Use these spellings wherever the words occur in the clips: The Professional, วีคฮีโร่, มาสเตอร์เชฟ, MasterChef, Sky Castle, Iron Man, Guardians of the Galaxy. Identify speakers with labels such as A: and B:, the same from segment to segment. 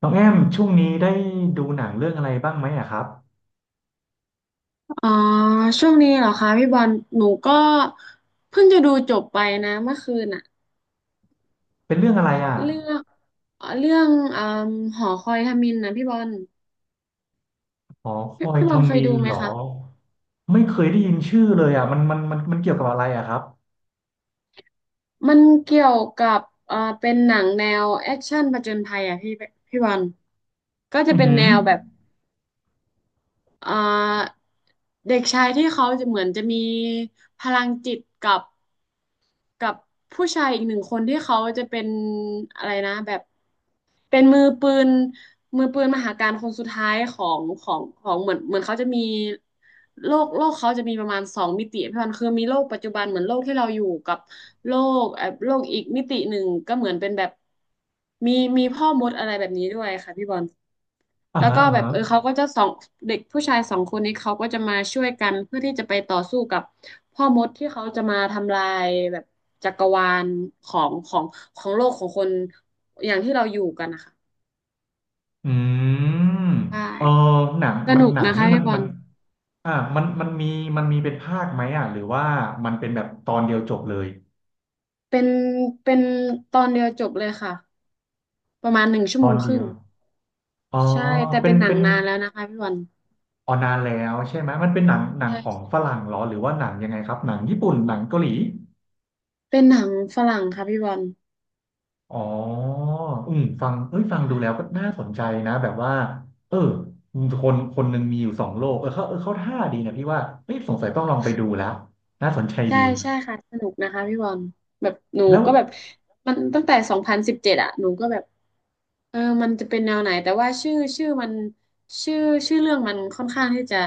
A: น้องแอมช่วงนี้ได้ดูหนังเรื่องอะไรบ้างไหมอะครับ
B: อ๋อช่วงนี้เหรอคะพี่บอลหนูก็เพิ่งจะดูจบไปนะเมื่อคืนน่ะ
A: เป็นเรื่องอะไรอะ
B: เรื่องเรื่องอมหอคอยฮามินนะพี่บอล
A: หอค
B: พี่
A: อย
B: พี่บอลเค
A: ทำ
B: ย
A: มิ
B: ดู
A: น
B: ไหม
A: เหรอ
B: คะ
A: ไม่เคยได้ยินชื่อเลยอะมันเกี่ยวกับอะไรอะครับ
B: มันเกี่ยวกับเป็นหนังแนวแอคชั่นผจญภัยอ่ะพี่พี่บอลก็จะ
A: อือ
B: เป็น
A: หือ
B: แนวแบบเอ่อเด็กชายที่เขาจะเหมือนจะมีพลังจิตกับกับผู้ชายอีกหนึ่งคนที่เขาจะเป็นอะไรนะแบบ เป็นมือปืนมือปืนมหาการคนสุดท้ายของของของเหมือนเหมือนเขาจะมีโลกโลกเขาจะมีประมาณสองมิติพี่วันคือมีโลกปัจจุบันเหมือนโลกที่เราอยู่กับโลกโลกอีกมิติหนึ่งก็เหมือนเป็นแบบมีมีพ่อมดอะไรแบบนี้ด้วยค่ะพี่บอล
A: อ่า
B: แล้ว
A: ฮะ
B: ก็
A: อ่า
B: แบบ
A: ฮะ
B: เออเขาก็จะสองเด็กผู้ชายสองคนนี้เขาก็จะมาช่วยกันเพื่อที่จะไปต่อสู้กับพ่อมดที่เขาจะมาทำลายแบบจักรวาลของของของโลกของคนอย่างที่เราอยู่กันนะคะ
A: อืม
B: ใช่
A: เออหนัง
B: ส
A: มัน
B: นุก
A: หนัง
B: นะคะ
A: นี่มัน
B: พี่บอ
A: มัน
B: ล
A: มีมันมีเป็นภาคไหมอะหรือว่ามันเป็นแบบตอนเดียวจบเลย
B: เป็นเป็นตอนเดียวจบเลยค่ะประมาณหนึ่งชั่
A: ต
B: วโม
A: อ
B: ง
A: น
B: ค
A: เดี
B: รึ่
A: ย
B: ง
A: วอ๋อ
B: ใช่แต่
A: เป็
B: เป็
A: น
B: นหนั
A: เป็
B: ง
A: น
B: นานแล้วนะคะพี่บอล
A: อ๋อนานแล้วใช่ไหมมันเป็นหนัง
B: ใช่
A: ของ
B: ใช่
A: ฝรั่งเหรอหรือว่าหนังยังไงครับหนังญี่ปุ่นหนังเกาหลี
B: เป็นหนังฝรั่งค่ะพี่บอล
A: อ๋ออืมฟังเอ้ยฟังดูแล้วก็
B: ใช่
A: น่าสนใจนะแบบว่าเออคนคนหนึ่งมีอยู่สองโลกเขาท่าดีนะพี่ว่าเฮ้ยสงสัยต้องลองไปดูแล้วน่าสนใจ
B: ใช่
A: ดี
B: ใช่ค่ะสนุกนะคะพี่บอลแบบหนู
A: แล้ว
B: ก็แบบมันตั้งแต่2017อะหนูก็แบบ เออมันจะเป็นแนวไหนแต่ว่าชื่อชื่อมันชื่อชื่อเรื่องมันค่อนข้างที่จะ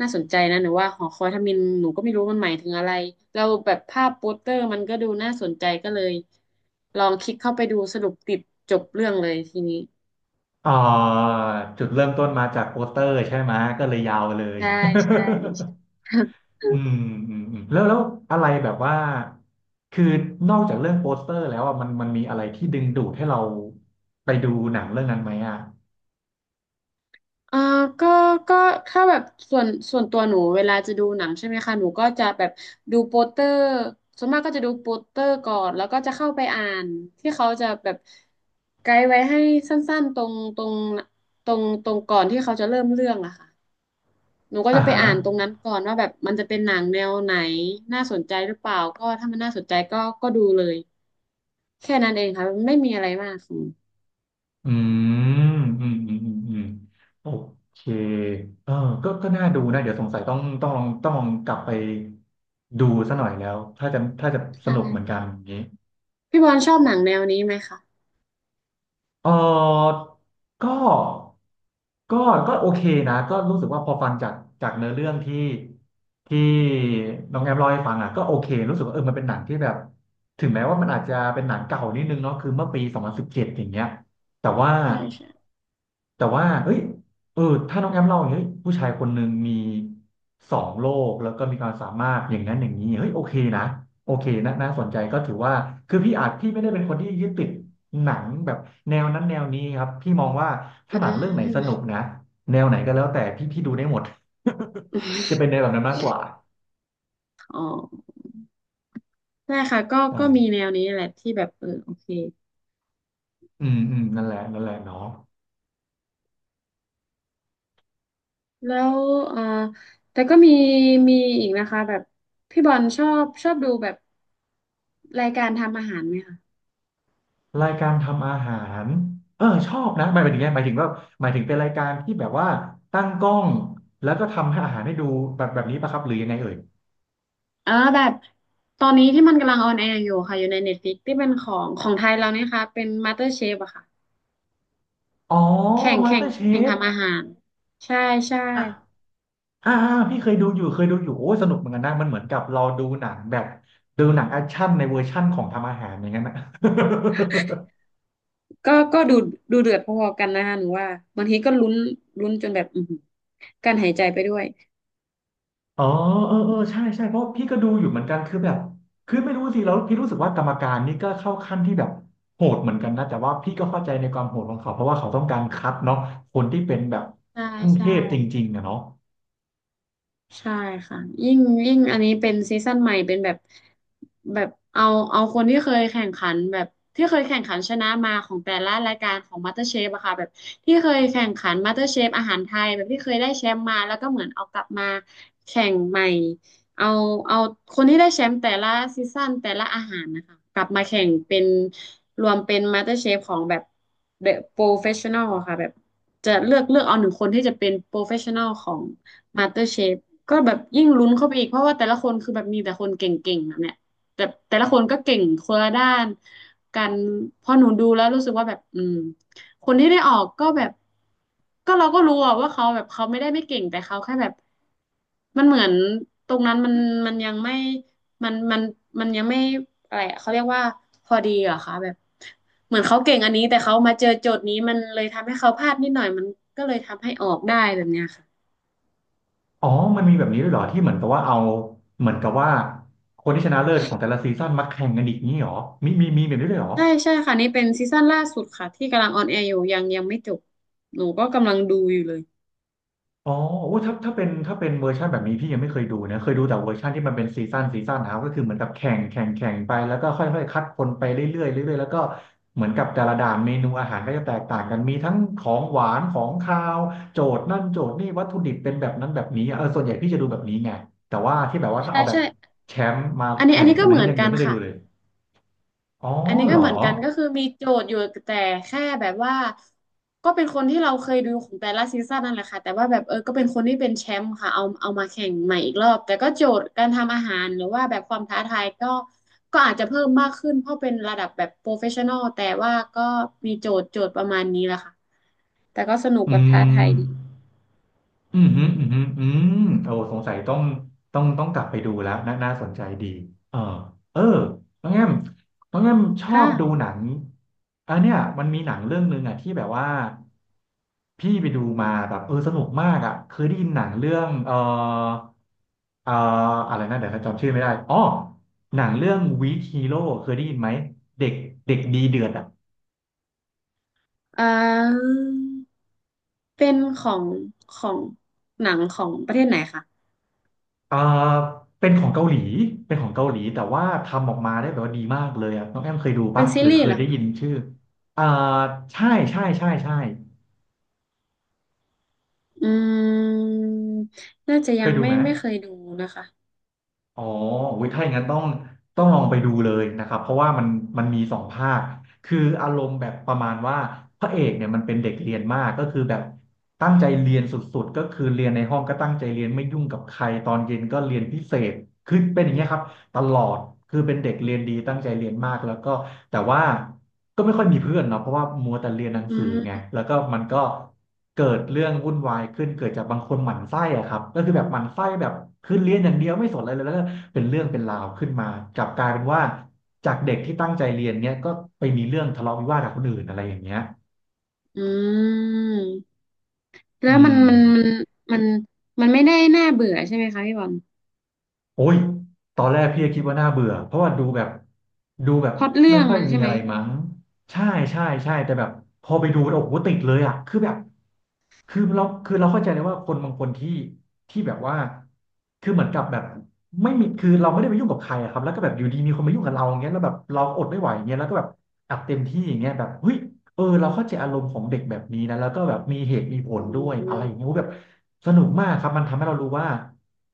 B: น่าสนใจนะหนูว่าหอคอยทมิฬหนูก็ไม่รู้มันหมายถึงอะไรเราแล้วแบบภาพโปสเตอร์มันก็ดูน่าสนใจก็เลยลองคลิกเข้าไปดูสรุปติดจบเรื่องเลยทีนี้
A: เอ่อจุดเริ่มต้นมาจากโปสเตอร์ใช่ไหมก็เลยยาวเลย
B: ใช่ใช่ใช่
A: อื มอืมแล้วอะไรแบบว่าคือนอกจากเรื่องโปสเตอร์แล้วอ่ะมันมีอะไรที่ดึงดูดให้เราไปดูหนังเรื่องนั้นไหมอ่ะ
B: อ่าก็ก็ถ้าแบบส่วนส่วนตัวหนูเวลาจะดูหนังใช่ไหมคะหนูก็จะแบบดูโปสเตอร์ส่วนมากก็จะดูโปสเตอร์ก่อนแล้วก็จะเข้าไปอ่านที่เขาจะแบบไกด์ไว้ให้สั้นๆตรงตรงตรงตรงก่อนที่เขาจะเริ่มเรื่องอะค่ะหนูก็
A: อ่า
B: จะไป
A: ฮะ
B: อ่านตรงนั้นก่อนว่าแบบมันจะเป็นหนังแนวไหนน่าสนใจหรือเปล่าก็ถ้ามันน่าสนใจก็ก็ดูเลยแค่นั้นเองค่ะไม่มีอะไรมากค่ะ
A: อืมอืมโอเคเออก็น่าดูนะ เดี๋ยวสงสัยต้องกลับไปดูซะหน่อยแล้ว ถ้าจะส
B: ใช่
A: นุกเหมือนกันอย่างนี้
B: พี่บอลชอบหนังแนวนี้ไหมคะ
A: เออก็ก็ก็โอเคนะก็รู้สึกว่าพอฟังจากเนื้อเรื่องที่น้องแอมเล่าให้ฟังอ่ะก็โอเครู้สึกว่าเออมันเป็นหนังที่แบบถึงแม้ว่ามันอาจจะเป็นหนังเก่านิดนึงเนาะคือเมื่อปี2017อย่างเงี้ยแต่ว่า
B: ใช่ใช่
A: แต่ว่าเฮ้ยเออถ้าน้องแอมเล่าอย่างเงี้ยเฮ้ยผู้ชายคนหนึ่งมีสองโลกแล้วก็มีความสามารถอย่างนั้นอย่างนี้เฮ้ยโอเคนะโอเคนะน่าสนใจก็ถือว่าคือพี่อาจพี่ไม่ได้เป็นคนที่ยึดติด หนังแบบแนวนั้นแนวนี้ครับพี่มองว่า
B: อื
A: ถ้าหนังเรื่องไหนสนุ
B: ม
A: กนะแนวไหนก็แล้วแต่พี่ดูได้หมด จะเป็นในวแบบนั้นมากกว่า
B: อ๋อ ใช่ค่ะก็
A: ใช่
B: ก็มีแนวนี้แหละที่แบบเออโอเค
A: อืมอืมนั่นแหละเนาะ
B: แล้วเอ่อแต่ก็มีมีอีกนะคะแบบพี่บอลชอบชอบดูแบบรายการทำอาหารไหมคะ
A: รายการทำอาหารเออชอบนะหมายถึงว่าหมายถึงเป็นรายการที่แบบว่าตั้งกล้องแล้วก็ทำให้อาหารให้ดูแบบนี้ปะครับหรือยังไงเอ่ย
B: เออแบบตอนนี้ที่มันกำลังออนแอร์อยู่ค่ะอยู่ในเน็ตฟลิกที่เป็นของของไทยเราเนี่ยค่ะเป็นม a สเตอร์เชฟอะค่ะ
A: อ๋อ
B: แข่ง
A: มาส
B: แข่
A: เตอ
B: ง
A: ร์เช
B: แข่ง
A: ฟ
B: ทำอาหารใช่ใช่
A: อ่าๆพี่เคยดูอยู่เคยดูอยู่โอ้ยสนุกเหมือนกันนะมันเหมือนกับเราดูหนังแบบดูหนังแอคชั่นในเวอร์ชั่นของทำอาหารอย่างนั้นนะ
B: ก็ก็ดูดูเดือดพอๆกันนะคะหนูว่าบางทีก็ลุ้นลุ้นจนแบบอือหือกั้นหายใจไปด้วย
A: อ๋อเออใช่เพราะพี่ก็ดูอยู่เหมือนกันคือแบบคือไม่รู้สิแล้วพี่รู้สึกว่ากรรมการนี่ก็เข้าขั้นที่แบบโหดเหมือนกันนะแต่ว่าพี่ก็เข้าใจในความโหดของเขาเพราะว่าเขาต้องการคัดเนาะคนที่เป็นแบบ
B: ใช่
A: ขั้นเท
B: ใช่
A: พจริงๆอะเนาะ
B: ใช่ค่ะยิ่งยิ่งอันนี้เป็นซีซั่นใหม่เป็นแบบแบบเอาเอาคนที่เคยแข่งขันแบบที่เคยแข่งขันชนะมาของแต่ละรายการของ MasterChef อะค่ะแบบที่เคยแข่งขัน MasterChef อาหารไทยแบบที่เคยได้แชมป์มาแล้วก็เหมือนเอากลับมาแข่งใหม่เอาเอาคนที่ได้แชมป์แต่ละซีซั่นแต่ละอาหารนะคะกลับมาแข่งเป็นรวมเป็น MasterChef ของแบบ The Professional อะค่ะแบบจะเลือกเลือกเอาหนึ่งคนที่จะเป็น Professional ของ มาสเตอร์เชฟก็แบบยิ่งลุ้นเข้าไปอีกเพราะว่าแต่ละคนคือแบบมีแต่คนเก่งๆแบบเนี้ยแต่แต่ละคนก็เก่งคนละด้านกันพอหนูดูแล้วรู้สึกว่าแบบอืมคนที่ได้ออกก็แบบก็เราก็รู้อะว่าเขาแบบเขาไม่ได้ไม่เก่งแต่เขาแค่แบบมันเหมือนตรงนั้นมันมันยังไม่มันมันมันยังไม่อะไรอะเขาเรียกว่าพอดีเหรอคะแบบเหมือนเขาเก่งอันนี้แต่เขามาเจอโจทย์นี้มันเลยทำให้เขาพลาดนิดหน่อยมันก็เลยทำให้ออกได้แบบเนี้ยค่ะ
A: อ๋อมันมีแบบนี้ด้วยเหรอที่เหมือนกับว่าเอาเหมือนกับว่าคนที่ชนะเลิศของแต่ละซีซั่นมาแข่งกันอีกนี้เหรอมีแบบนี้ด้วยเหรอ
B: ใช่ใช่ค่ะนี่เป็นซีซั่นล่าสุดค่ะที่กำลังออนแอร์อยู่ยังยังไม่จบหนูก็กำลังดูอยู่เลย
A: อ๋อโอ้ถ้าเป็นเวอร์ชันแบบนี้พี่ยังไม่เคยดูนะเคยดูแต่เวอร์ชันที่มันเป็นซีซั่นนะครับก็คือเหมือนกับแข่งไปแล้วก็ค่อยๆคัดคนไปเรื่อยๆเรื่อยๆแล้วก็เหมือนกับแต่ละด่านเมนูอาหารก็จะแตกต่างกันมีทั้งของหวานของคาวโจทย์นั่นโจทย์นี่วัตถุดิบเป็นแบบนั้นแบบนี้เออส่วนใหญ่พี่จะดูแบบนี้ไงแต่ว่าที่แบบว่าถ้า
B: ใช่
A: เอาแบบ
B: ใช่
A: แชมป์มา
B: อันนี้
A: แข่
B: อัน
A: ง
B: นี้
A: กัน
B: ก็
A: อัน
B: เหมื
A: นี้
B: อน
A: ยัง
B: กั
A: ยัง
B: น
A: ไม่เคย
B: ค่ะ
A: ดูเลยอ๋อ
B: อันนี้
A: เหร
B: ก็
A: อ
B: เหมือนกันก็คือมีโจทย์อยู่แต่แค่แบบว่าก็เป็นคนที่เราเคยดูของแต่ละซีซั่นนั่นแหละค่ะแต่ว่าแบบเออก็เป็นคนที่เป็นแชมป์ค่ะเอาเอามาแข่งใหม่อีกรอบแต่ก็โจทย์การทำอาหารหรือว่าแบบความท้าทายก็ก็อาจจะเพิ่มมากขึ้นเพราะเป็นระดับแบบโปรเฟชชั่นอลแต่ว่าก็มีโจทย์โจทย์ประมาณนี้แหละค่ะแต่ก็สนุก
A: อื
B: แบบท้าทา
A: ม
B: ยดี
A: อืมฮึอืมฮึอืมโอ้สงสัยต้องกลับไปดูแล้วน่าสนใจดีเออเออน้องแอมชอบดู
B: ค่ะ
A: หนังอันเนี้ยมันมีหนังเรื่องหนึ่งอ่ะที่แบบว่าพี่ไปดูมาแบบเออสนุกมากอ่ะเคยได้ยินหนังเรื่องเอออะไรนะเดี๋ยวจำชื่อไม่ได้อ๋อหนังเรื่องวีคฮีโร่เคยได้ยินไหมเด็กเด็กดีเดือดอ่ะ
B: อ่าเป็นของของหนังของประเทศไหนคะ
A: เอ่าเป็นของเกาหลีเป็นของเกาหลีแต่ว่าทำออกมาได้แบบว่าดีมากเลยอ่ะน้องแอมเคยดู
B: เป็
A: ปะ
B: นซี
A: หรือ
B: รี
A: เค
B: ส์เห
A: ย
B: รอ
A: ได้
B: คะ
A: ยินชื่ออ่าใช่ใช่ใช่ใช่
B: อืม น่าจะ
A: เค
B: ยั
A: ย
B: ง
A: ดู
B: ไม่
A: ไหม
B: ไม่เคยดูนะคะ
A: อ๋อวิถ้าอย่างนั้นต้องลองไปดูเลยนะครับเพราะว่ามันมีสองภาคคืออารมณ์แบบประมาณว่าพระเอกเนี่ยมันเป็นเด็กเรียนมากก็คือแบบตั้งใจเรียนสุดๆก็คือเรียนในห้องก็ตั้งใจเรียนไม่ยุ่งกับใครตอนเย็นก็เรียนพิเศษคือเป็นอย่างเงี้ยครับ ตลอดคือเป็นเด็กเรียนดีตั้งใจเรียนมากแล้วก็แต่ว่าก็ไม่ค่อยมีเพื่อนเนาะเพราะว่ามัวแต่เรียนหนัง
B: อื
A: สือไง
B: ม
A: แล้วก็มันก็เกิดเรื่องวุ่นวายขึ้นเกิดจากบางคนหมั่นไส้อะครับก็คือแบบหมั่นไส้แบบคือเรียนอย่างเดียวไม่สนอะไรเลยแล้วก็เป็นเรื่องเป็นราวขึ้นมากลับกลายเป็นว่าจากเด็กที่ตั้งใจเรียนเนี้ยก็ไปมีเรื่องทะเลาะวิวาทกับคนอื่นอะไรอย่างเงี้ย
B: อืม แล้
A: อื
B: วมัน
A: ม
B: มันมันมันมันไม่ได้น่าเบื่อใช่ไหมคะพี่บอล
A: โอ้ยตอนแรกพี่ก็คิดว่าน่าเบื่อเพราะว่าดูแบบ
B: พล็อตเรื่
A: ไม่
B: อง
A: ค่อย
B: มัน
A: มี
B: ใช่ไหม
A: อะไรมั้งใช่ใช่ใช่แต่แบบพอไปดูแล้วโอ้โหติดเลยอ่ะคือแบบคือเราเข้าใจเลยว่าคนบางคนที่ที่แบบว่าคือเหมือนกับแบบไม่มีคือเราไม่ได้ไปยุ่งกับใครอะครับแล้วก็แบบอยู่ดีมีคนมายุ่งกับเราอย่างเงี้ยแล้วแบบเราอดไม่ไหวอย่างเงี้ยแล้วก็แบบอัดเต็มที่อย่างเงี้ยแบบเฮ้ยเออเราเข้าใจอารมณ์ของเด็กแบบนี้นะแล้วก็แบบมีเหตุมีผ
B: อื
A: ลด้วยอะไรอย่างเงี้ยโอ้แบ
B: ม
A: บสนุกมากครับมันทำให้เรารู้ว่า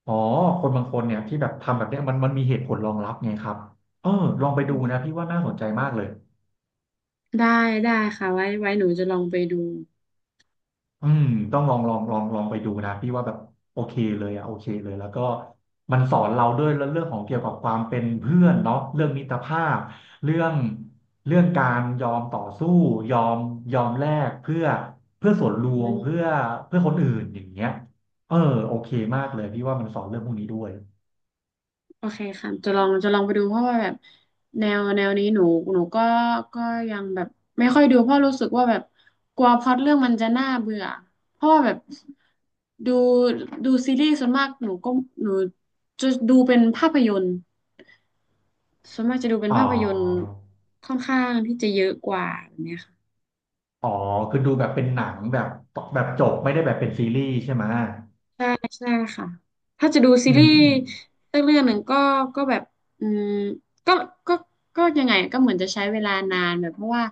A: อ๋อคนบางคนเนี่ยที่แบบทำแบบเนี้ยมันมีเหตุผลรองรับไงครับเออลองไปดูนะพี่ว่าน่าสนใจมากเลย
B: ได้ได้ค่ะไว้ไว้หนูจะลองไปดู
A: อืมต้องลองไปดูนะพี่ว่าแบบโอเคเลยอะโอเคเลยแล้วก็มันสอนเราด้วยเรื่องของเกี่ยวกับความเป็นเพื่อนเนาะเรื่องมิตรภาพเรื่องเรื่องการยอมต่อสู้ยอมยอมแลกเพื่อส่วนร
B: อื
A: วม
B: ม
A: เพื่อคนอื่นอย่างเงี้ยเออโอเคมากเลยพี่ว่ามันสอนเรื่องพวกนี้ด้วย
B: โอเคค่ะจะลองจะลองไปดูเพราะว่าแบบแนวแนวนี้หนูหนูก็ก็ยังแบบไม่ค่อยดูเพราะรู้สึกว่าแบบกลัวพล็อตเรื่องมันจะน่าเบื่อเพราะว่าแบบดูดูซีรีส์ส่วนมากหนูก็หนูจะดูเป็นภาพยนตร์ส่วนมากจะดูเป็น
A: อ๋อ
B: ภาพยนตร์ค่อนข้างที่จะเยอะกว่าแบบเนี้ยค่ะ
A: อ๋อคือดูแบบเป็นหนังแบบแบบจบไม่ได้แบบเป็นซีรีส์ใช่ไหม
B: ใช่ใช่ค่ะถ้าจะดูซี
A: อื
B: รี
A: ม
B: ส์
A: อืม
B: สักเรื่องหนึ่งก็ก็แบบอืมก็ก็ก็ยังไงก็เหมือนจะใช้เวลานานแบบเพราะว่า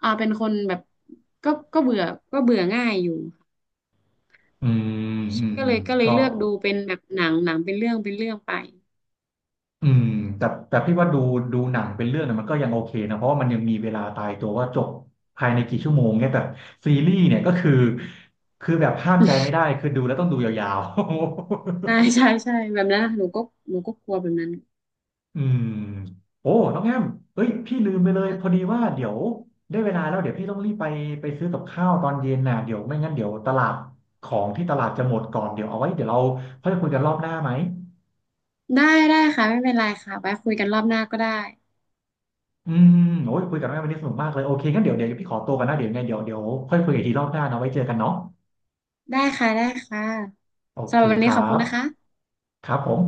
B: เป็นคนแบบก็ก็เบื่อก็เบื่อง่ายอยู่
A: อืมอืม
B: ใช่ก็
A: อื
B: เล
A: ม
B: ยก็เลย
A: ก็
B: เลือกดูเป็นแบบหนังหนังเป็นเรื่องเป็นเรื่องไป
A: อืมแต่พี่ว่าดูดูหนังเป็นเรื่องเนี่ยมันก็ยังโอเคนะ เพราะว่ามันยังมีเวลาตายตัวว่าจบภายในกี่ชั่วโมงเนี่ยแต่ซีรีส์เนี่ยก็คือคือแบบห้ามใจไม่ได้คือดูแล้วต้องดูยาว
B: ใช่
A: ๆ
B: ใช่ใช่แบบนั้นหนูก็หนูก็กลัวแบบนั้น
A: อืมโอ้น้องแอมเอ้ยพี่ลืมไปเลย
B: นะ
A: พอดีว่าเดี๋ยวได้เวลาแล้วเดี๋ยวพี่ต้องรีบไปไปซื้อกับข้าวตอนเย็นน่ะเดี๋ยวไม่งั้นเดี๋ยวตลาดของที่ตลาดจะหมดก่อนเดี๋ยวเอาไว้เดี๋ยวเราค่อยคุยกันรอบหน้าไหม
B: ได้ได้ค่ะไม่เป็นไรค่ะไว้คุยกันรอบหน้าก็ได้
A: อืมโอ้ยคุยกับน้องแอมวันนี้สนุกมากเลยโอเคงั้นเดี๋ยวเดี๋ยวพี่ขอตัวกันนะเดี๋ยวยังไงเดี๋ยวเดี๋ยวค่อยคุยกันอีกทีรอบหน้านะไว้เจอกันเนาะ
B: ได้ค่ะได้ค่ะ
A: โอ
B: สำ
A: เค
B: หรับวัน
A: ค
B: นี้
A: รั
B: ขอบคุ
A: บ
B: ณนะคะ
A: ครับผม